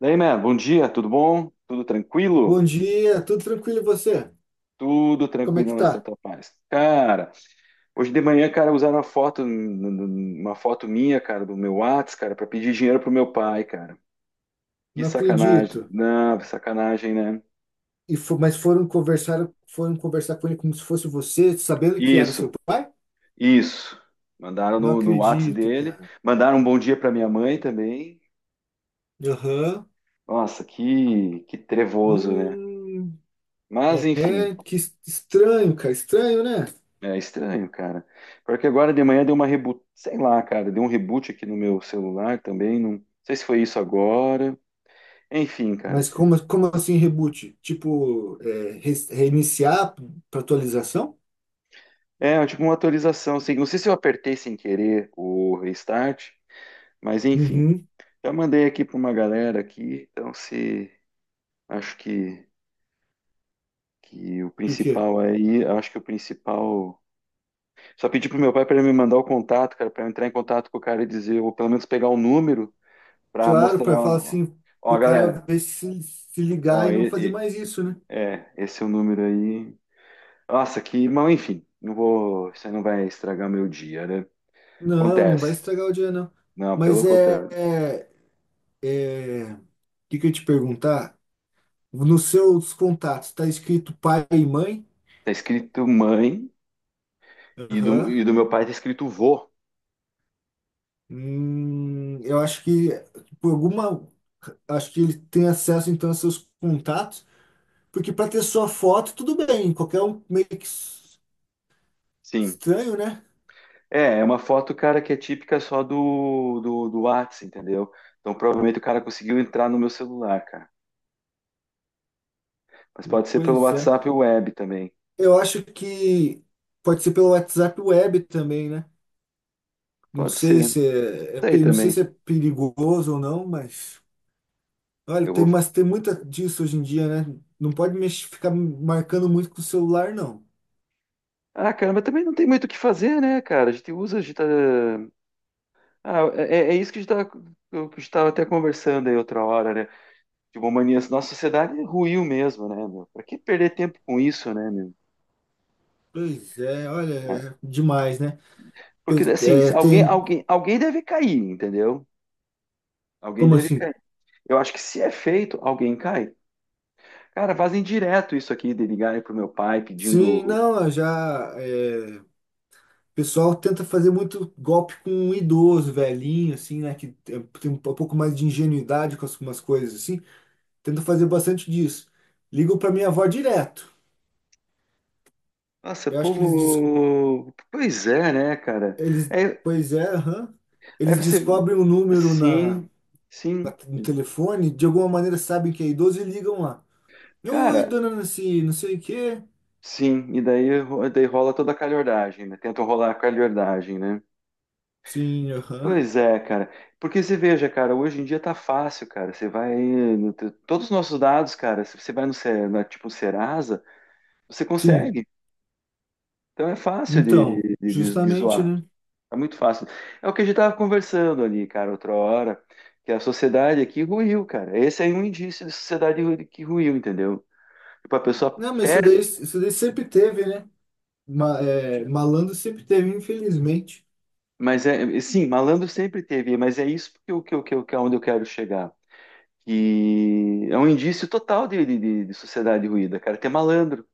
Daí, man, bom dia, tudo bom? Tudo Bom tranquilo? dia, tudo tranquilo e você? Tudo Como é tranquilo que na tá? Santa Paz. Cara, hoje de manhã, cara, usaram uma foto minha, cara, do meu Whats, cara, para pedir dinheiro pro meu pai, cara. Que Não sacanagem. acredito. Não, sacanagem, né? Mas foram conversar com ele como se fosse você, sabendo que era seu Isso, pai? isso. Mandaram Não no Whats acredito, dele, cara. mandaram um bom dia pra minha mãe também. Aham. Nossa, que trevoso, né? Hum, Mas, é, enfim, é, que estranho, cara, estranho, né? é estranho, cara. Porque agora de manhã deu uma reboot, sei lá, cara, deu um reboot aqui no meu celular também, não sei se foi isso agora. Enfim, cara. Mas como assim reboot? Tipo, reiniciar para atualização? É, tipo uma atualização, assim, não sei se eu apertei sem querer o restart, mas enfim. Uhum. Já mandei aqui para uma galera aqui, então se acho que o E o quê? principal aí, acho que o principal, só pedi pro meu pai para ele me mandar o contato, cara, para eu entrar em contato com o cara e dizer, ou pelo menos pegar o número para Claro, mostrar, para falar assim, ó, pro cara galera, ver se, ligar ó, e não fazer e- mais isso, né? É, esse é o número aí. Nossa, que mal, enfim, não vou, isso aí não vai estragar meu dia, né? Não, não vai Acontece. estragar o dia, não. Não, pelo Mas contrário. O que que eu ia te perguntar? Nos seus contatos tá escrito pai e mãe? Tá escrito mãe e do, Aham. e do meu pai tá escrito vô. Eu acho que por alguma, acho que ele tem acesso então a seus contatos, porque para ter sua foto tudo bem, qualquer um meio que Sim. estranho, né? É, é uma foto, cara, que é típica só do Whats, entendeu? Então provavelmente o cara conseguiu entrar no meu celular, cara. Mas pode ser pelo Pois é. WhatsApp web também. Eu acho que pode ser pelo WhatsApp Web também, né? Não Pode sei ser. Isso se é, é aí pe- não sei também. se é perigoso ou não, mas Olha, Eu vou. mas tem muita disso hoje em dia, né? Não pode mexer, ficar marcando muito com o celular, não. Ah, cara, mas também não tem muito o que fazer, né, cara? A gente usa, a gente tá. Ah, é, é isso que a gente tava- que eu estava até conversando aí outra hora, né? Tipo, mania, nossa sociedade ruiu mesmo, né, meu? Pra que perder tempo com isso, né, meu? Pois é, olha, Ah, é demais, né? porque, assim, se É, alguém, tem, alguém, alguém deve cair, entendeu? Alguém como deve assim? cair. Eu acho que se é feito, alguém cai. Cara, fazem direto isso aqui de ligarem pro meu pai Sim, pedindo. não, eu já. O pessoal tenta fazer muito golpe com um idoso, velhinho, assim, né? Que tem um pouco mais de ingenuidade com algumas coisas, assim. Tenta fazer bastante disso. Ligam pra minha avó direto. Nossa, Eu acho que eles. Povo. Pois é, né, cara? eles É, pois é, aham. aí Eles você. descobrem o número na Sim, sim. no telefone, de alguma maneira sabem que é idoso e ligam lá. Oi, Cara, dona Nancy, não sei o quê. sim, e daí rola toda a calhordagem, né? Tentam rolar a calhordagem, né? Sim, aham. Pois é, cara. Porque você veja, cara, hoje em dia tá fácil, cara. Você vai. No te- Todos os nossos dados, cara, se você vai no, na, tipo Serasa, você Sim, consegue. Então é fácil então, de justamente, zoar. né? Tá muito fácil. É o que a gente tava conversando ali, cara, outra hora, que a sociedade aqui ruiu, cara. Esse aí é um indício de sociedade ru- que ruiu, entendeu? Tipo, a pessoa Não, mas isso daí sempre teve, né? Malandro sempre teve, infelizmente. mas é, sim, malandro sempre teve, mas é isso que é onde eu quero chegar. Que é um indício total de sociedade ruída, cara. Ter malandro.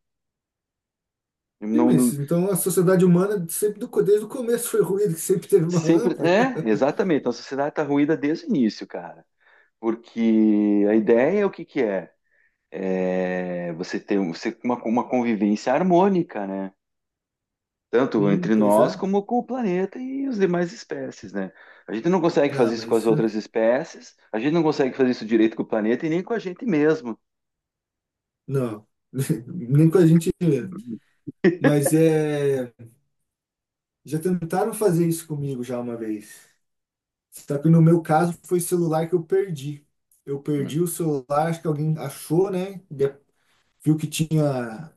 Sim, Não, mas então a sociedade humana sempre desde o começo foi ruim, que sempre teve sempre. malandro. É, exatamente. Então, a sociedade tá ruída desde o início, cara. Porque a ideia é o que, que é? É você ter um- você, uma convivência harmônica, né? Tanto Sim, entre pois nós é. como com o planeta e os demais espécies, né? A gente não consegue Não, fazer isso com as mas outras espécies, a gente não consegue fazer isso direito com o planeta e nem com a gente mesmo. não. Nem com a gente. Hum, Mas é. Já tentaram fazer isso comigo já uma vez. Só que no meu caso foi celular que eu perdi. Eu perdi o celular, acho que alguém achou, né? Viu que tinha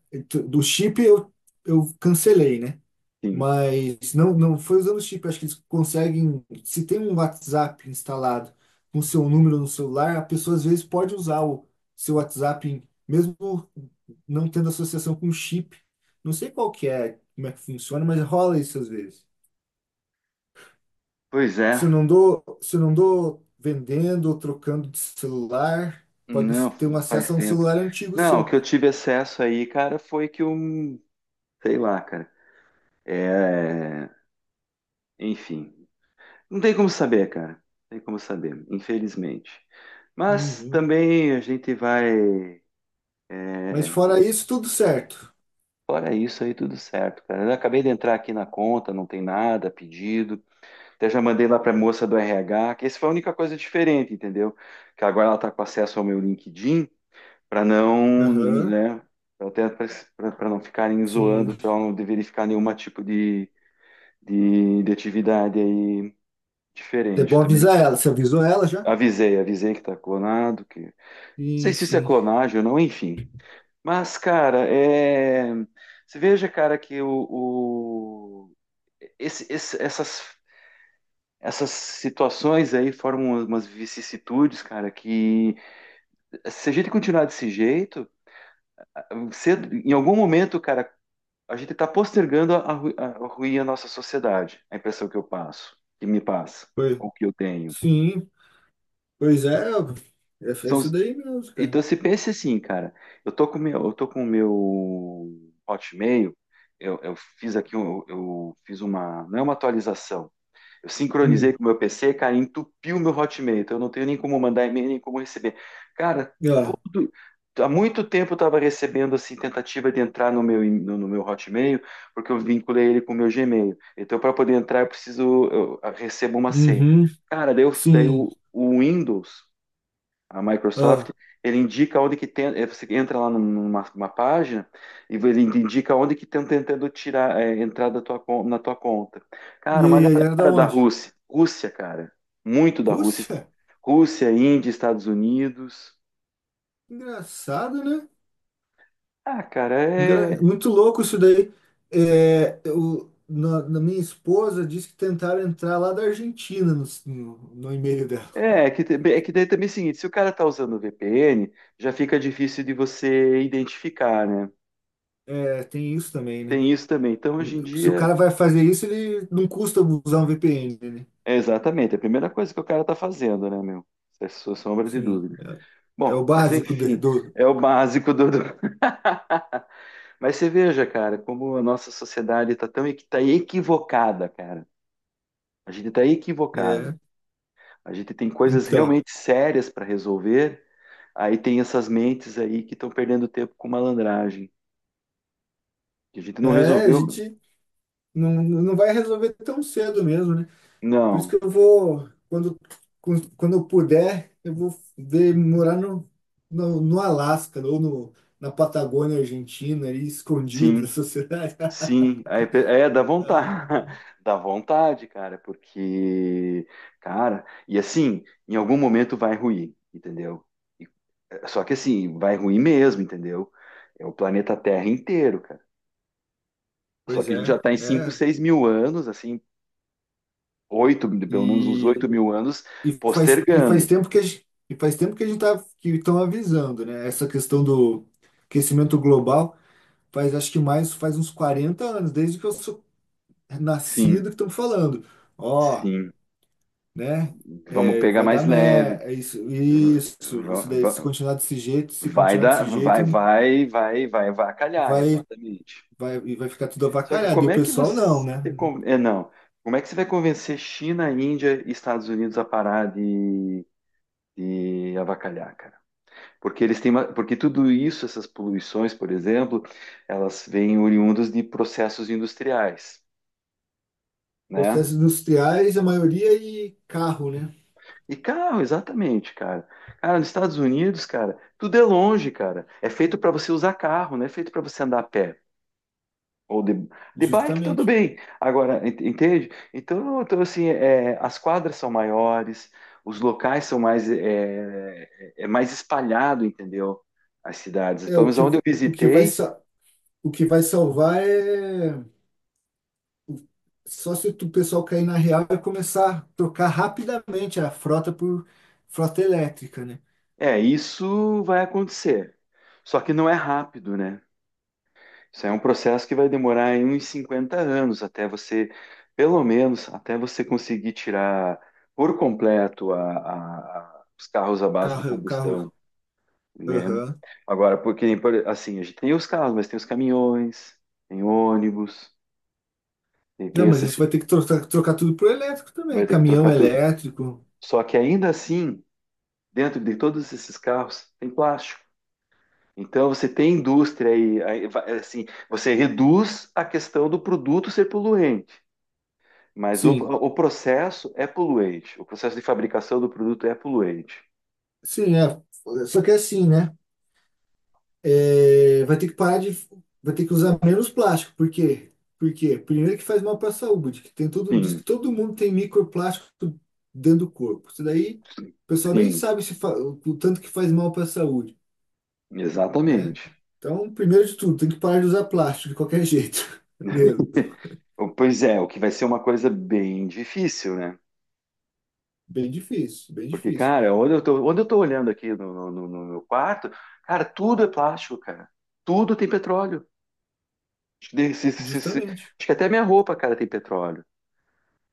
do chip, eu cancelei, né? Sim. Mas não, não foi usando o chip. Acho que eles conseguem. Se tem um WhatsApp instalado com seu número no celular, a pessoa às vezes pode usar o seu WhatsApp, mesmo não tendo associação com o chip. Não sei qual que é, como é que funciona, mas rola isso às vezes. Pois Se é. não dou, se não dou vendendo ou trocando de celular, pode Não, ter um faz acesso a um tempo. celular antigo Não, o que seu. eu tive acesso aí, cara, foi que um, sei lá, cara. É, enfim. Não tem como saber, cara. Não tem como saber, infelizmente. Mas Uhum. também a gente vai. Mas É, fora isso, tudo certo. fora isso aí, tudo certo, cara. Eu acabei de entrar aqui na conta, não tem nada pedido. Até já mandei lá pra moça do RH, que essa foi a única coisa diferente, entendeu? Que agora ela tá com acesso ao meu LinkedIn. Para não, Aham, né, pra até para não ficarem sim. zoando, para não verificar nenhum tipo de, de atividade aí É diferente bom também. avisar ela. Você avisou ela já? Avisei, avisei que tá clonado, que não sei Sim, se isso é sim. clonagem ou não, enfim. Mas, cara, é... você veja, cara, que o, esse- esse- essas Essas situações aí formam umas vicissitudes, cara, que se a gente continuar desse jeito, cedo- em algum momento, cara, a gente está postergando a ruir a nossa sociedade, a impressão que eu passo, que me passa, Foi ou que eu tenho. sim, pois é, é São isso os- daí mesmo, cara. então, se pensa assim, cara, eu tô com o meu, eu tô com o meu Hotmail, eu fiz aqui, um- eu, fiz uma, não é uma atualização, eu sincronizei Hum, com o meu PC, cara, entupiu meu Hotmail. Então eu não tenho nem como mandar e-mail, nem como receber. Cara, ah, tudo. Há muito tempo eu estava recebendo assim tentativa de entrar no meu Hotmail, porque eu vinculei ele com o meu Gmail. Então para poder entrar eu preciso eu recebo uma senha. uhum, Cara, daí, eu, daí sim. O Windows, a Microsoft, Ah, ele indica onde que tem, eh, você entra lá numa, numa página e ele indica onde que estão tentando tirar, eh, entrar da tua, na tua conta. Cara, e uma aí, ela é da galera da onde? Rússia, Rússia, cara, muito da Rússia, Rússia? Rússia, Índia, Estados Unidos. Engraçado, né? Ah, cara, é, Muito louco isso daí. É, na minha esposa disse que tentaram entrar lá da Argentina no e-mail dela. é, é que, tem- é que daí também é o seguinte, se o cara tá usando o VPN, já fica difícil de você identificar, né? É, tem isso também, né? Tem isso também. Então, hoje em Se o dia, cara vai fazer isso, ele não custa usar um VPN, né? é exatamente, é a primeira coisa que o cara tá fazendo, né, meu? Sem sombra de Sim, dúvida. é o Bom, mas básico enfim, do. é o básico do. Mas você veja, cara, como a nossa sociedade está tão equi- tá equivocada, cara. A gente está equivocado. É, A gente tem coisas então, realmente sérias para resolver. Aí tem essas mentes aí que estão perdendo tempo com malandragem. Que a gente não a resolveu. gente não, não vai resolver tão cedo mesmo, né? Por isso que Não. eu vou, quando eu puder, eu vou ver, morar no Alasca ou no, na Patagônia Argentina, ali, escondido da Sim, sociedade. sim. Aí pe- é, dá vontade. Dá vontade, cara, porque, cara, e assim, em algum momento vai ruir, entendeu? E só que assim, vai ruim mesmo, entendeu? É o planeta Terra inteiro, cara. Só Pois que a gente já é, está em 5, é. 6 mil anos, assim, oito, pelo menos uns 8 E, mil anos, e, faz, e faz postergando. tempo que a gente, e faz tempo que a gente tá, que estão avisando, né? Essa questão do aquecimento global faz, acho que mais, faz uns 40 anos, desde que eu sou nascido Sim, que estão falando. Ó, sim. né? Vamos É, pegar vai dar mais leve. merda, isso, V- isso, isso v- daí, se v- continuar desse jeito, se Vai continuar dar, desse jeito, vai, vai, vai, vai, vai, calhar, vai, exatamente. E vai ficar tudo Só que avacalhado. E como o é que pessoal não, você. né? É, não. Como é que você vai convencer China, Índia e Estados Unidos a parar de avacalhar, cara? Porque eles têm uma, porque tudo isso, essas poluições, por exemplo, elas vêm oriundas de processos industriais, né? Processos industriais, a maioria e carro, né? E carro, exatamente, cara. Cara, nos Estados Unidos, cara, tudo é longe, cara. É feito para você usar carro, não é feito para você andar a pé. Ou de bike, tudo Justamente. bem. Agora, ent- entende? Então, então assim, é, as quadras são maiores, os locais são mais, é, é é mais espalhado, entendeu? As cidades. É, Pelo menos onde eu o que vai, visitei, sa- o que vai salvar é só se o pessoal cair na real e começar a trocar rapidamente a frota por frota elétrica, né? é, isso vai acontecer. Só que não é rápido, né? Isso aí é um processo que vai demorar aí uns 50 anos até você, pelo menos, até você conseguir tirar por completo os carros à base de Carro, carro, combustão, né? aham. Agora, porque, por- assim, a gente tem os carros, mas tem os caminhões, tem ônibus, tem, tem Não, mas a gente esses- vai ter que trocar, trocar tudo por elétrico vai também. ter que Caminhão trocar tudo. elétrico. Só que ainda assim, dentro de todos esses carros, tem plástico. Então você tem indústria aí, aí va- assim, você reduz a questão do produto ser poluente, mas Sim, o processo é poluente, o processo de fabricação do produto é poluente. sim, é. Só que é assim, né? É, vai ter que parar de. Vai ter que usar menos plástico. Por quê? Porque, primeiro, que faz mal para a saúde, que tem todo, diz que Sim, todo mundo tem microplástico dentro do corpo. Isso daí, o pessoal nem sim, sabe se o tanto que faz mal para a saúde, né? exatamente. Então, primeiro de tudo, tem que parar de usar plástico de qualquer jeito. Mesmo. Pois é, o que vai ser uma coisa bem difícil, né? Bem difícil, bem Porque, difícil. cara, onde eu tô olhando aqui no, no- no- no meu quarto, cara, tudo é plástico, cara. Tudo tem petróleo. Justamente. Acho que até minha roupa, cara, tem petróleo.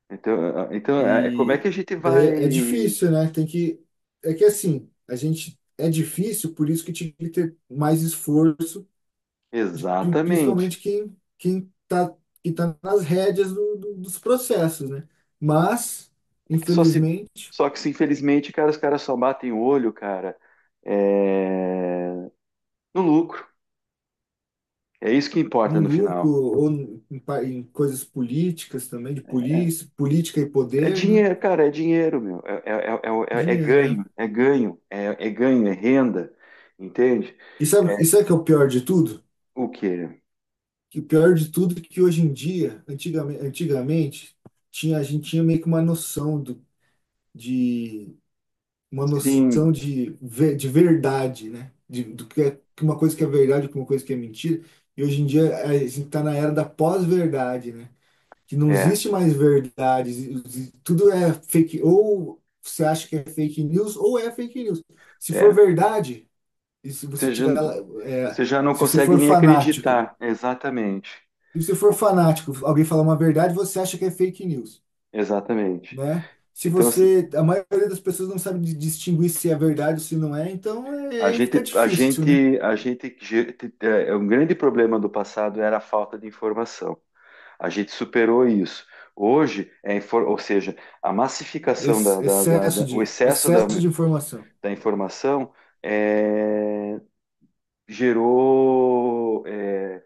Então, eh, então é é como é E que a gente daí é vai. difícil, né? Tem que. É que assim, a gente é difícil, por isso que tinha que ter mais esforço, de, Exatamente. principalmente quem tá, que tá nas rédeas dos processos, né? Mas, É que só se. infelizmente, Só que se infelizmente, cara, os caras só batem o olho, cara, eh, no lucro. É isso que importa no no lucro final. ou em coisas políticas também, de polícia, política e É poder, né? dinheiro, cara, é dinheiro, meu. É, é- é- é é- é Dinheiro, né? ganho, é ganho, é renda. Entende? E sabe o que é o pior de tudo? O quê? Que o pior de tudo é que hoje em dia, antigamente tinha, a gente tinha meio que uma noção do, de uma Sim, noção de, de verdade, né? Do que é que uma coisa que é verdade, que uma coisa que é mentira. E hoje em dia a gente está na era da pós-verdade, né? Que não é, existe mais verdade, tudo é fake, ou você acha que é fake news, ou é fake news. Se for é. verdade, e se você Você já, tiver, é, você já não se você consegue for nem fanático acreditar. Exatamente. Se você for O- fanático, alguém falar uma verdade, você acha que é fake news, exatamente. né? Se Então, você, A maioria das pessoas não sabe distinguir se é verdade ou se não é, então é, A aí fica gente, a difícil, né? gente, a gente, ge- é, um grande problema do passado era a falta de informação. A gente superou isso. Hoje, é, infor- ou seja, a massificação excesso o de, excesso da, excesso de informação. da, informação é, gerou é,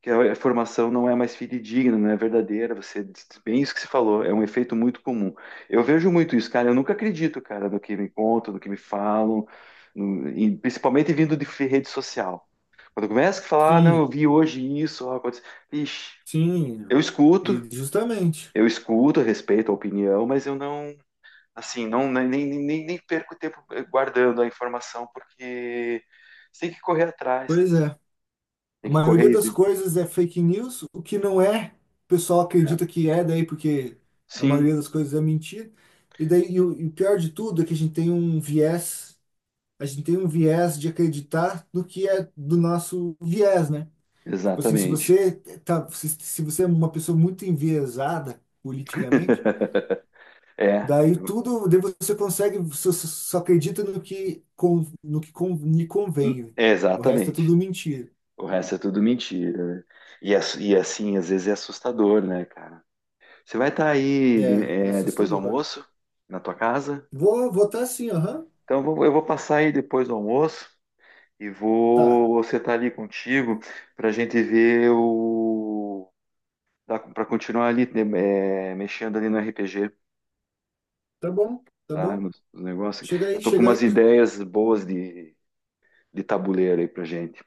que a formação não é mais fidedigna, não é verdadeira. Você disse bem isso que você falou, é um efeito muito comum. Eu vejo muito isso, cara. Eu nunca acredito, cara, no que me contam, no que me falam, e principalmente vindo de rede social. Quando começa a falar, ah, não, eu Sim, vi hoje isso, ó, aconteceu. Ixi, sim. eu escuto, E justamente. eu escuto, respeito a opinião, mas eu não, assim, não nem perco tempo guardando a informação, porque você tem que correr atrás, cara. Pois é. A Tem que maioria correr. das coisas é fake news, o que não é, o pessoal acredita que é, daí porque a Sim, maioria das coisas é mentira. E o pior de tudo é que a gente tem um viés de acreditar no que é do nosso viés, né? Tipo assim, se exatamente. você tá, se, se você é uma pessoa muito enviesada politicamente, É, daí só acredita no que lhe hum, convém. O resto é exatamente. tudo mentira. O resto é tudo mentira. Né? E, ass- e é assim, às vezes é assustador, né, cara? Você vai estar aí de- É, é é, depois do assustador. almoço, na tua casa? Vou votar sim, aham. Então eu vou passar aí depois do almoço e Tá, vou sentar ali contigo para a gente ver o. Para continuar ali né, é, mexendo ali no RPG, tá bom, tá tá? bom. Nos, nos negócios. Chega Eu aí, tô com chega umas aí. ideias boas de tabuleiro aí pra gente.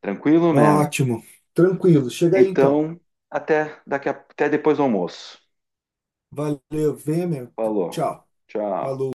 Tranquilo, man? Ótimo, tranquilo. Chega aí então. Então, até daqui a- até depois do almoço. Valeu, venha meu. Falou. Tchau. Falou. Tchau.